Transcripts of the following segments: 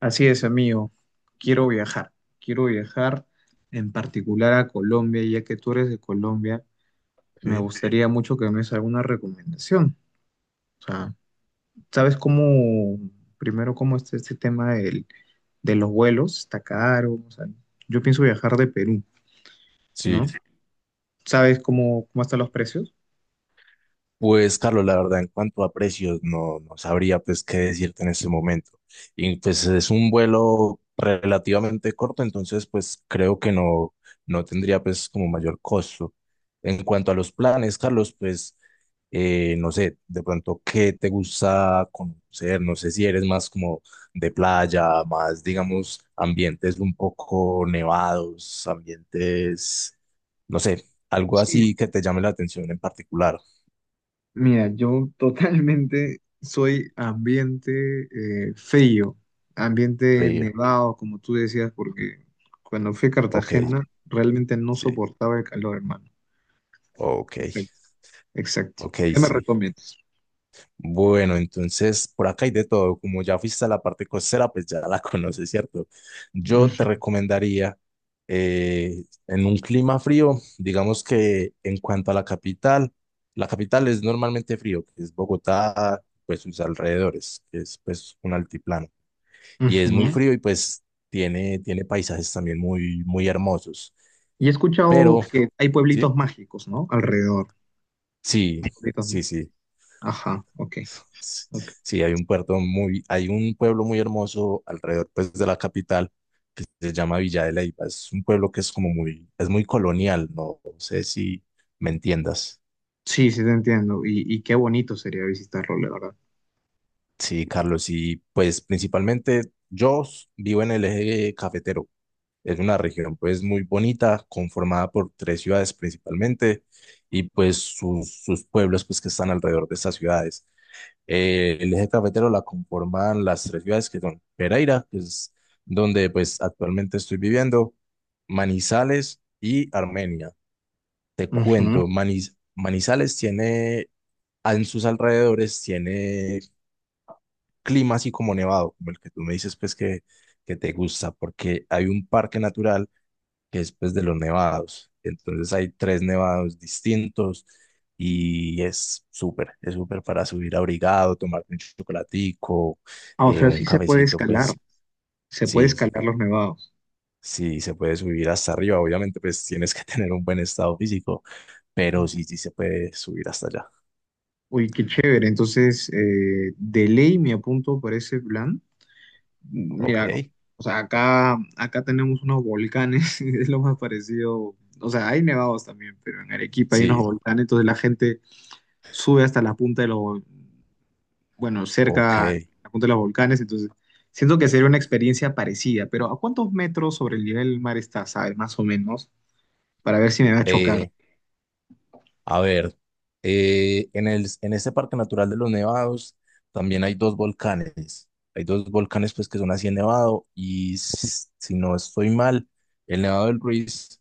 Así es, amigo. Quiero viajar. Quiero viajar en particular a Colombia, ya que tú eres de Colombia. Me Sí. gustaría mucho que me des alguna recomendación. O sea, ¿sabes cómo, primero, cómo está este tema de los vuelos? ¿Está caro? O sea, yo pienso viajar de Perú, ¿no? Sí, ¿Sabes cómo, cómo están los precios? pues, Carlos, la verdad, en cuanto a precios, no, no sabría pues qué decirte en este momento. Y pues es un vuelo relativamente corto, entonces pues creo que no, no tendría pues como mayor costo. En cuanto a los planes, Carlos, pues no sé, de pronto qué te gusta conocer, no sé si eres más como de playa, más digamos ambientes un poco nevados, ambientes, no sé, algo Sí. así que te llame la atención en particular. Mira, yo totalmente soy ambiente frío, ambiente Frío. nevado, como tú decías, porque cuando fui a Ok, Cartagena realmente no sí, soportaba el calor, hermano. ok, Exacto, exacto. ok, ¿Qué me sí. recomiendas? Bueno, entonces por acá hay de todo. Como ya fuiste a la parte costera, pues ya la conoces, ¿cierto? Yo te recomendaría en un clima frío, digamos que en cuanto a la capital es normalmente frío, que es Bogotá, pues sus alrededores, que es pues un altiplano. Y Ujú, es muy ujú. frío y pues tiene paisajes también muy, muy hermosos. Y he escuchado Pero, que hay sí, pueblitos mágicos, ¿no? Alrededor. sí, Pueblitos má- sí, sí. Ajá, ok. Ok. Sí, hay un pueblo muy hermoso alrededor pues de la capital que se llama Villa de Leyva. Es un pueblo que es es muy colonial, no sé si me entiendas. Sí, sí te entiendo. Y qué bonito sería visitarlo, la verdad. Sí, Carlos, y pues principalmente yo vivo en el eje cafetero. Es una región pues muy bonita, conformada por tres ciudades principalmente y pues sus pueblos pues que están alrededor de estas ciudades. El eje cafetero la conforman las tres ciudades que son Pereira, que es donde pues actualmente estoy viviendo, Manizales y Armenia. Te Ujú. cuento, Manizales tiene, en sus alrededores tiene clima así como nevado, como el que tú me dices pues que, te gusta, porque hay un parque natural que es pues de los nevados. Entonces hay tres nevados distintos y es súper para subir abrigado, tomar un chocolatico, Ah, o sea, un sí se puede cafecito, escalar. pues Se puede sí, escalar los nevados. sí se puede subir hasta arriba. Obviamente pues tienes que tener un buen estado físico, pero sí, sí se puede subir hasta allá. Uy, qué chévere. Entonces, de ley me apunto para ese plan. Ok, Mira, o sea, acá tenemos unos volcanes, es lo más parecido. O sea, hay nevados también, pero en Arequipa hay unos sí, volcanes, entonces la gente sube hasta la punta de bueno, ok. cerca a la punta de los volcanes, entonces siento que sería una experiencia parecida, pero ¿a cuántos metros sobre el nivel del mar está, sabes, más o menos, para ver si me va a chocar? Eh, A ver, en este Parque Natural de los Nevados también hay dos volcanes. Hay dos volcanes pues que son así en Nevado y si no estoy mal, el Nevado del Ruiz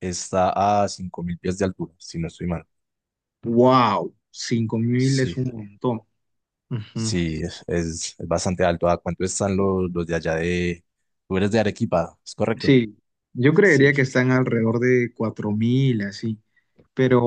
está a 5000 pies de altura, si no estoy mal. ¡Wow! 5000 es Sí, un montón. sí, es, es bastante alto. ¿A cuánto están los de allá de... Tú eres de Arequipa, ¿es correcto? Sí, yo Sí, creería que están alrededor de 4000 así.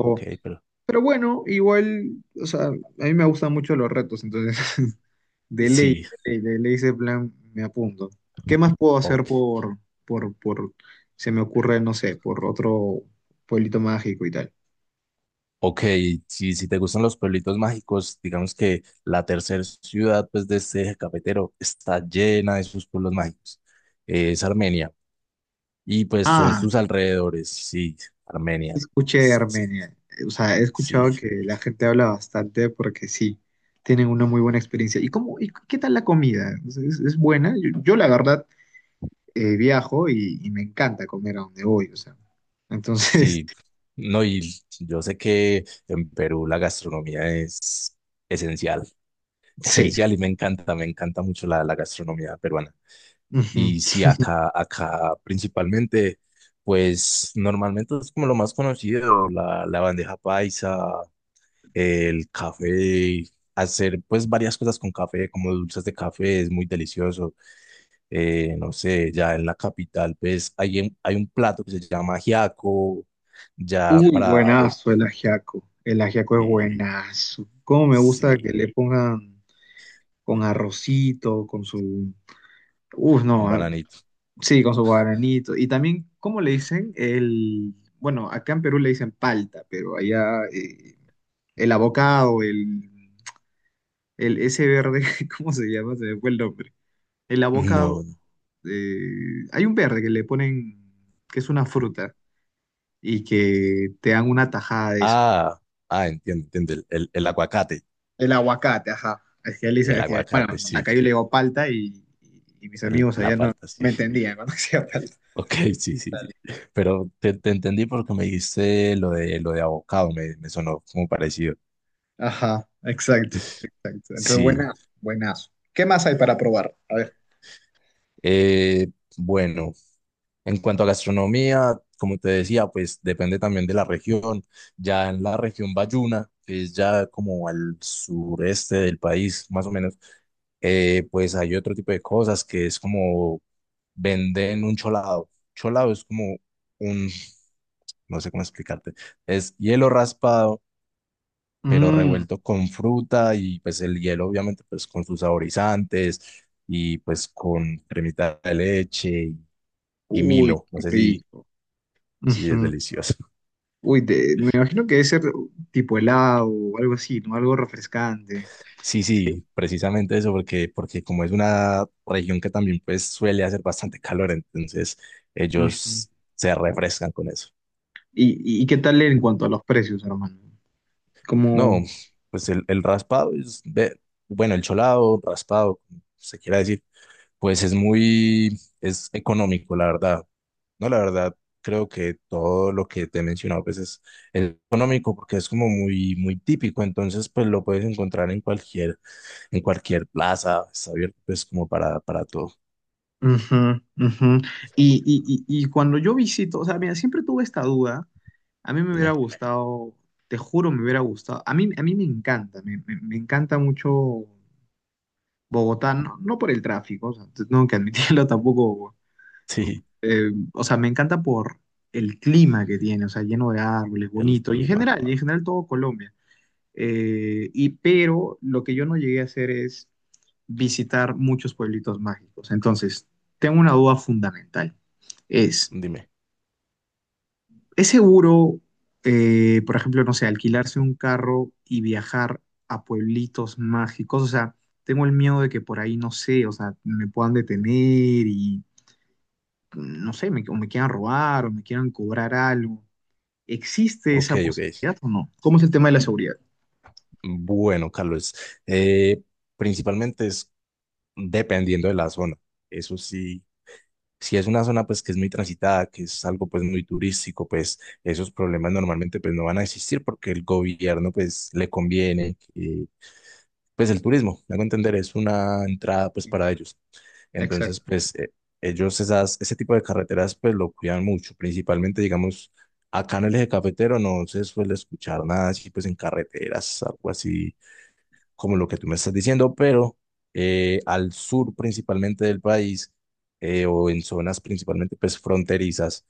ok, pero. pero bueno, igual, o sea, a mí me gustan mucho los retos, entonces, de ley, Sí, de ley, de ley ese plan me apunto. ¿Qué más puedo hacer ok, por, por, se me ocurre, no sé, por otro pueblito mágico y tal? ok, si te gustan los pueblitos mágicos, digamos que la tercera ciudad pues, de este eje cafetero está llena de sus pueblos mágicos. Es Armenia. Y pues son Ah, sus alrededores, sí, sí Armenia. escuché de Pues, Armenia. O sea, he sí, escuchado que la gente habla bastante porque sí, tienen una muy buena experiencia. ¿Y cómo, y qué tal la comida? ¿Es, es buena? Yo, la verdad viajo y me encanta comer a donde voy, o sea. Entonces, sí. No, y yo sé que en Perú la gastronomía es esencial, sí. esencial y me encanta mucho la gastronomía peruana. Ujú. Y sí, acá principalmente, pues normalmente es como lo más conocido, la bandeja paisa, el café, hacer pues varias cosas con café, como dulces de café, es muy delicioso. No sé, ya en la capital, pues hay un plato que se llama ajiaco, ya Uy, para. Buenazo el ajiaco. El ajiaco es Sí, buenazo. Cómo me gusta sí, que le pongan con arrocito, con su... Uf, no, un ah, bananito. sí, con su guaranito. Y también, ¿cómo le dicen? El... Bueno, acá en Perú le dicen palta, pero allá el abocado, el ese verde, ¿cómo se llama? Se me fue el nombre. El abocado No. Hay un verde que le ponen, que es una fruta, y que te dan una tajada de eso. Ah, ah, entiendo, entiendo, el aguacate, El aguacate, ajá. Es que él el dice que, bueno, aguacate, sí, acá yo le digo palta y mis amigos la allá no palta, me sí. entendían cuando decía palta. Ok, sí, sí, sí. Pero te entendí porque me dijiste lo de abocado, me sonó como parecido. Ajá, exacto, exacto. Entonces, Sí. buenazo, buenazo. ¿Qué más hay para probar? A ver. Eh, bueno, en cuanto a gastronomía, como te decía, pues depende también de la región. Ya en la región Bayuna, que es ya como al sureste del país, más o menos, pues hay otro tipo de cosas que es como venden un cholado. Cholado es como un, no sé cómo explicarte, es hielo raspado pero Mm, revuelto con fruta y pues el hielo obviamente pues con sus saborizantes y pues con cremita de leche y uy, Milo, no qué sé si, rico. si es Ujú. delicioso. Uy, me imagino que debe ser tipo helado o algo así, ¿no? Algo refrescante. Sí, sí, precisamente eso, porque como es una región que también pues suele hacer bastante calor, entonces Ujú. ellos se refrescan con eso. Y qué tal en cuanto a los precios, hermano? No, Como... pues el raspado bueno, el cholado, raspado, como se quiera decir. Pues es económico, la verdad. No, la verdad, creo que todo lo que te he mencionado, pues es económico porque es como muy, muy típico. Entonces, pues lo puedes encontrar en cualquier plaza. Está abierto, pues como para todo. Ujú, ujú. Y cuando yo visito, o sea, mira, siempre tuve esta duda. A mí me hubiera Dime. gustado, te juro, me hubiera gustado. A mí me encanta, me encanta mucho Bogotá, no, no por el tráfico, o sea, tengo que admitirlo tampoco. Sí, O sea, me encanta por el clima que tiene, o sea, lleno de árboles, el bonito, clima. Y en general todo Colombia. Y pero lo que yo no llegué a hacer es visitar muchos pueblitos mágicos. Entonces, tengo una duda fundamental. Es, Dime. ¿Es seguro, por ejemplo, no sé, alquilarse un carro y viajar a pueblitos mágicos? O sea, tengo el miedo de que por ahí, no sé, o sea, me puedan detener y, no sé, me, o me quieran robar o me quieran cobrar algo. ¿Existe Ok, esa ok. posibilidad o no? ¿Cómo es el tema de la seguridad? Bueno, Carlos, eh, principalmente es dependiendo de la zona. Eso sí, si es una zona pues que es muy transitada, que es algo pues muy turístico, pues esos problemas normalmente pues no van a existir porque el gobierno pues le conviene que, pues el turismo, me hago entender, es una entrada pues para ellos. Exacto. Entonces pues ese tipo de carreteras pues lo cuidan mucho, principalmente digamos acá en el eje cafetero no se suele escuchar nada así pues en carreteras, algo así como lo que tú me estás diciendo, pero al sur principalmente del país, o en zonas principalmente pues fronterizas,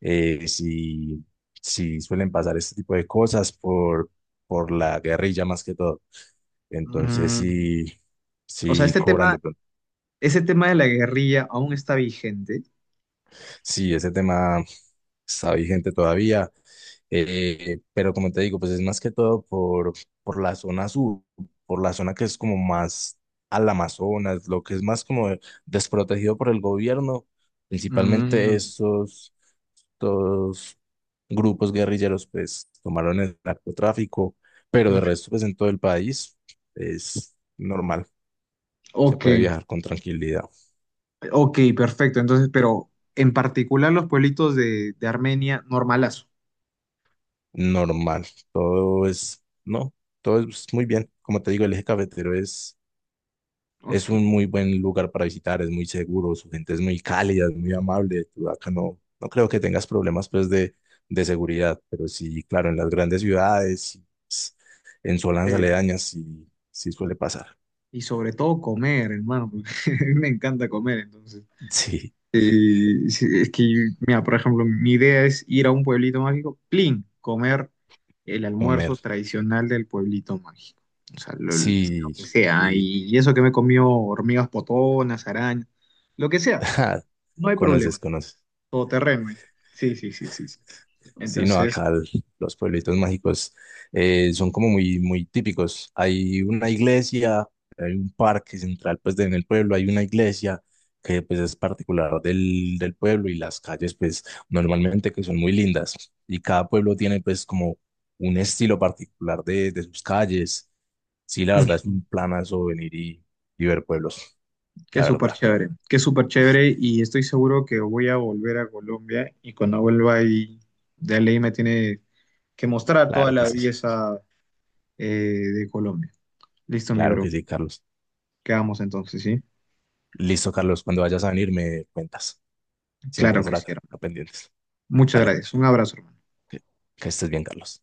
sí, sí suelen pasar este tipo de cosas por la guerrilla más que todo. Entonces Mm, sí, o sea, sí este cobran tema, de pronto. ese tema de la guerrilla aún está vigente. Sí, ese tema está vigente todavía. Pero como te digo, pues es más que todo por la zona sur, por la zona que es como más al Amazonas, lo que es más como desprotegido por el gobierno, principalmente Mm. estos grupos guerrilleros, pues tomaron el narcotráfico, pero de Ujú. resto, pues en todo el país es normal, se Ok, puede viajar con tranquilidad, ok, perfecto. Entonces, pero en particular los pueblitos de Armenia, normalazo. normal, no, todo es muy bien, como te digo, el eje cafetero es Ok. un muy buen lugar para visitar, es muy seguro, su gente es muy cálida, es muy amable. Tú acá no, no creo que tengas problemas pues de seguridad, pero sí, claro, en las grandes ciudades, s- en zonas Eh, aledañas, sí, sí suele pasar. y sobre todo comer, hermano, porque a mí me encanta comer, entonces. Sí, Sí, es que, mira, por ejemplo, mi idea es ir a un pueblito mágico, plin, comer el Homer, almuerzo tradicional del pueblito mágico. O sea, lo sí, que sea. y Y eso que me comió hormigas potonas, arañas, lo que sea, no hay conoces, problema. conoces. Todoterreno. ¿Eh? Sí, sí, sí, sí, sí. Sí, no, Entonces, acá los pueblitos mágicos son como muy, muy típicos. Hay una iglesia, hay un parque central, pues en el pueblo hay una iglesia que pues es particular del pueblo y las calles pues normalmente que son muy lindas y cada pueblo tiene pues como un estilo particular de sus calles. Sí, la verdad es ujú, un planazo venir y ver pueblos, la verdad. Qué súper chévere y estoy seguro que voy a volver a Colombia y cuando vuelva ahí de ley me tiene que mostrar toda Claro que la sí, belleza eh, de Colombia. Listo, mi claro bro. que sí, Carlos. Quedamos entonces, ¿sí? Listo, Carlos, cuando vayas a venir me cuentas. Claro Siempre que por sí, acá hermano. pendientes. Muchas Dale, gracias. Un abrazo, hermano. que estés bien, Carlos.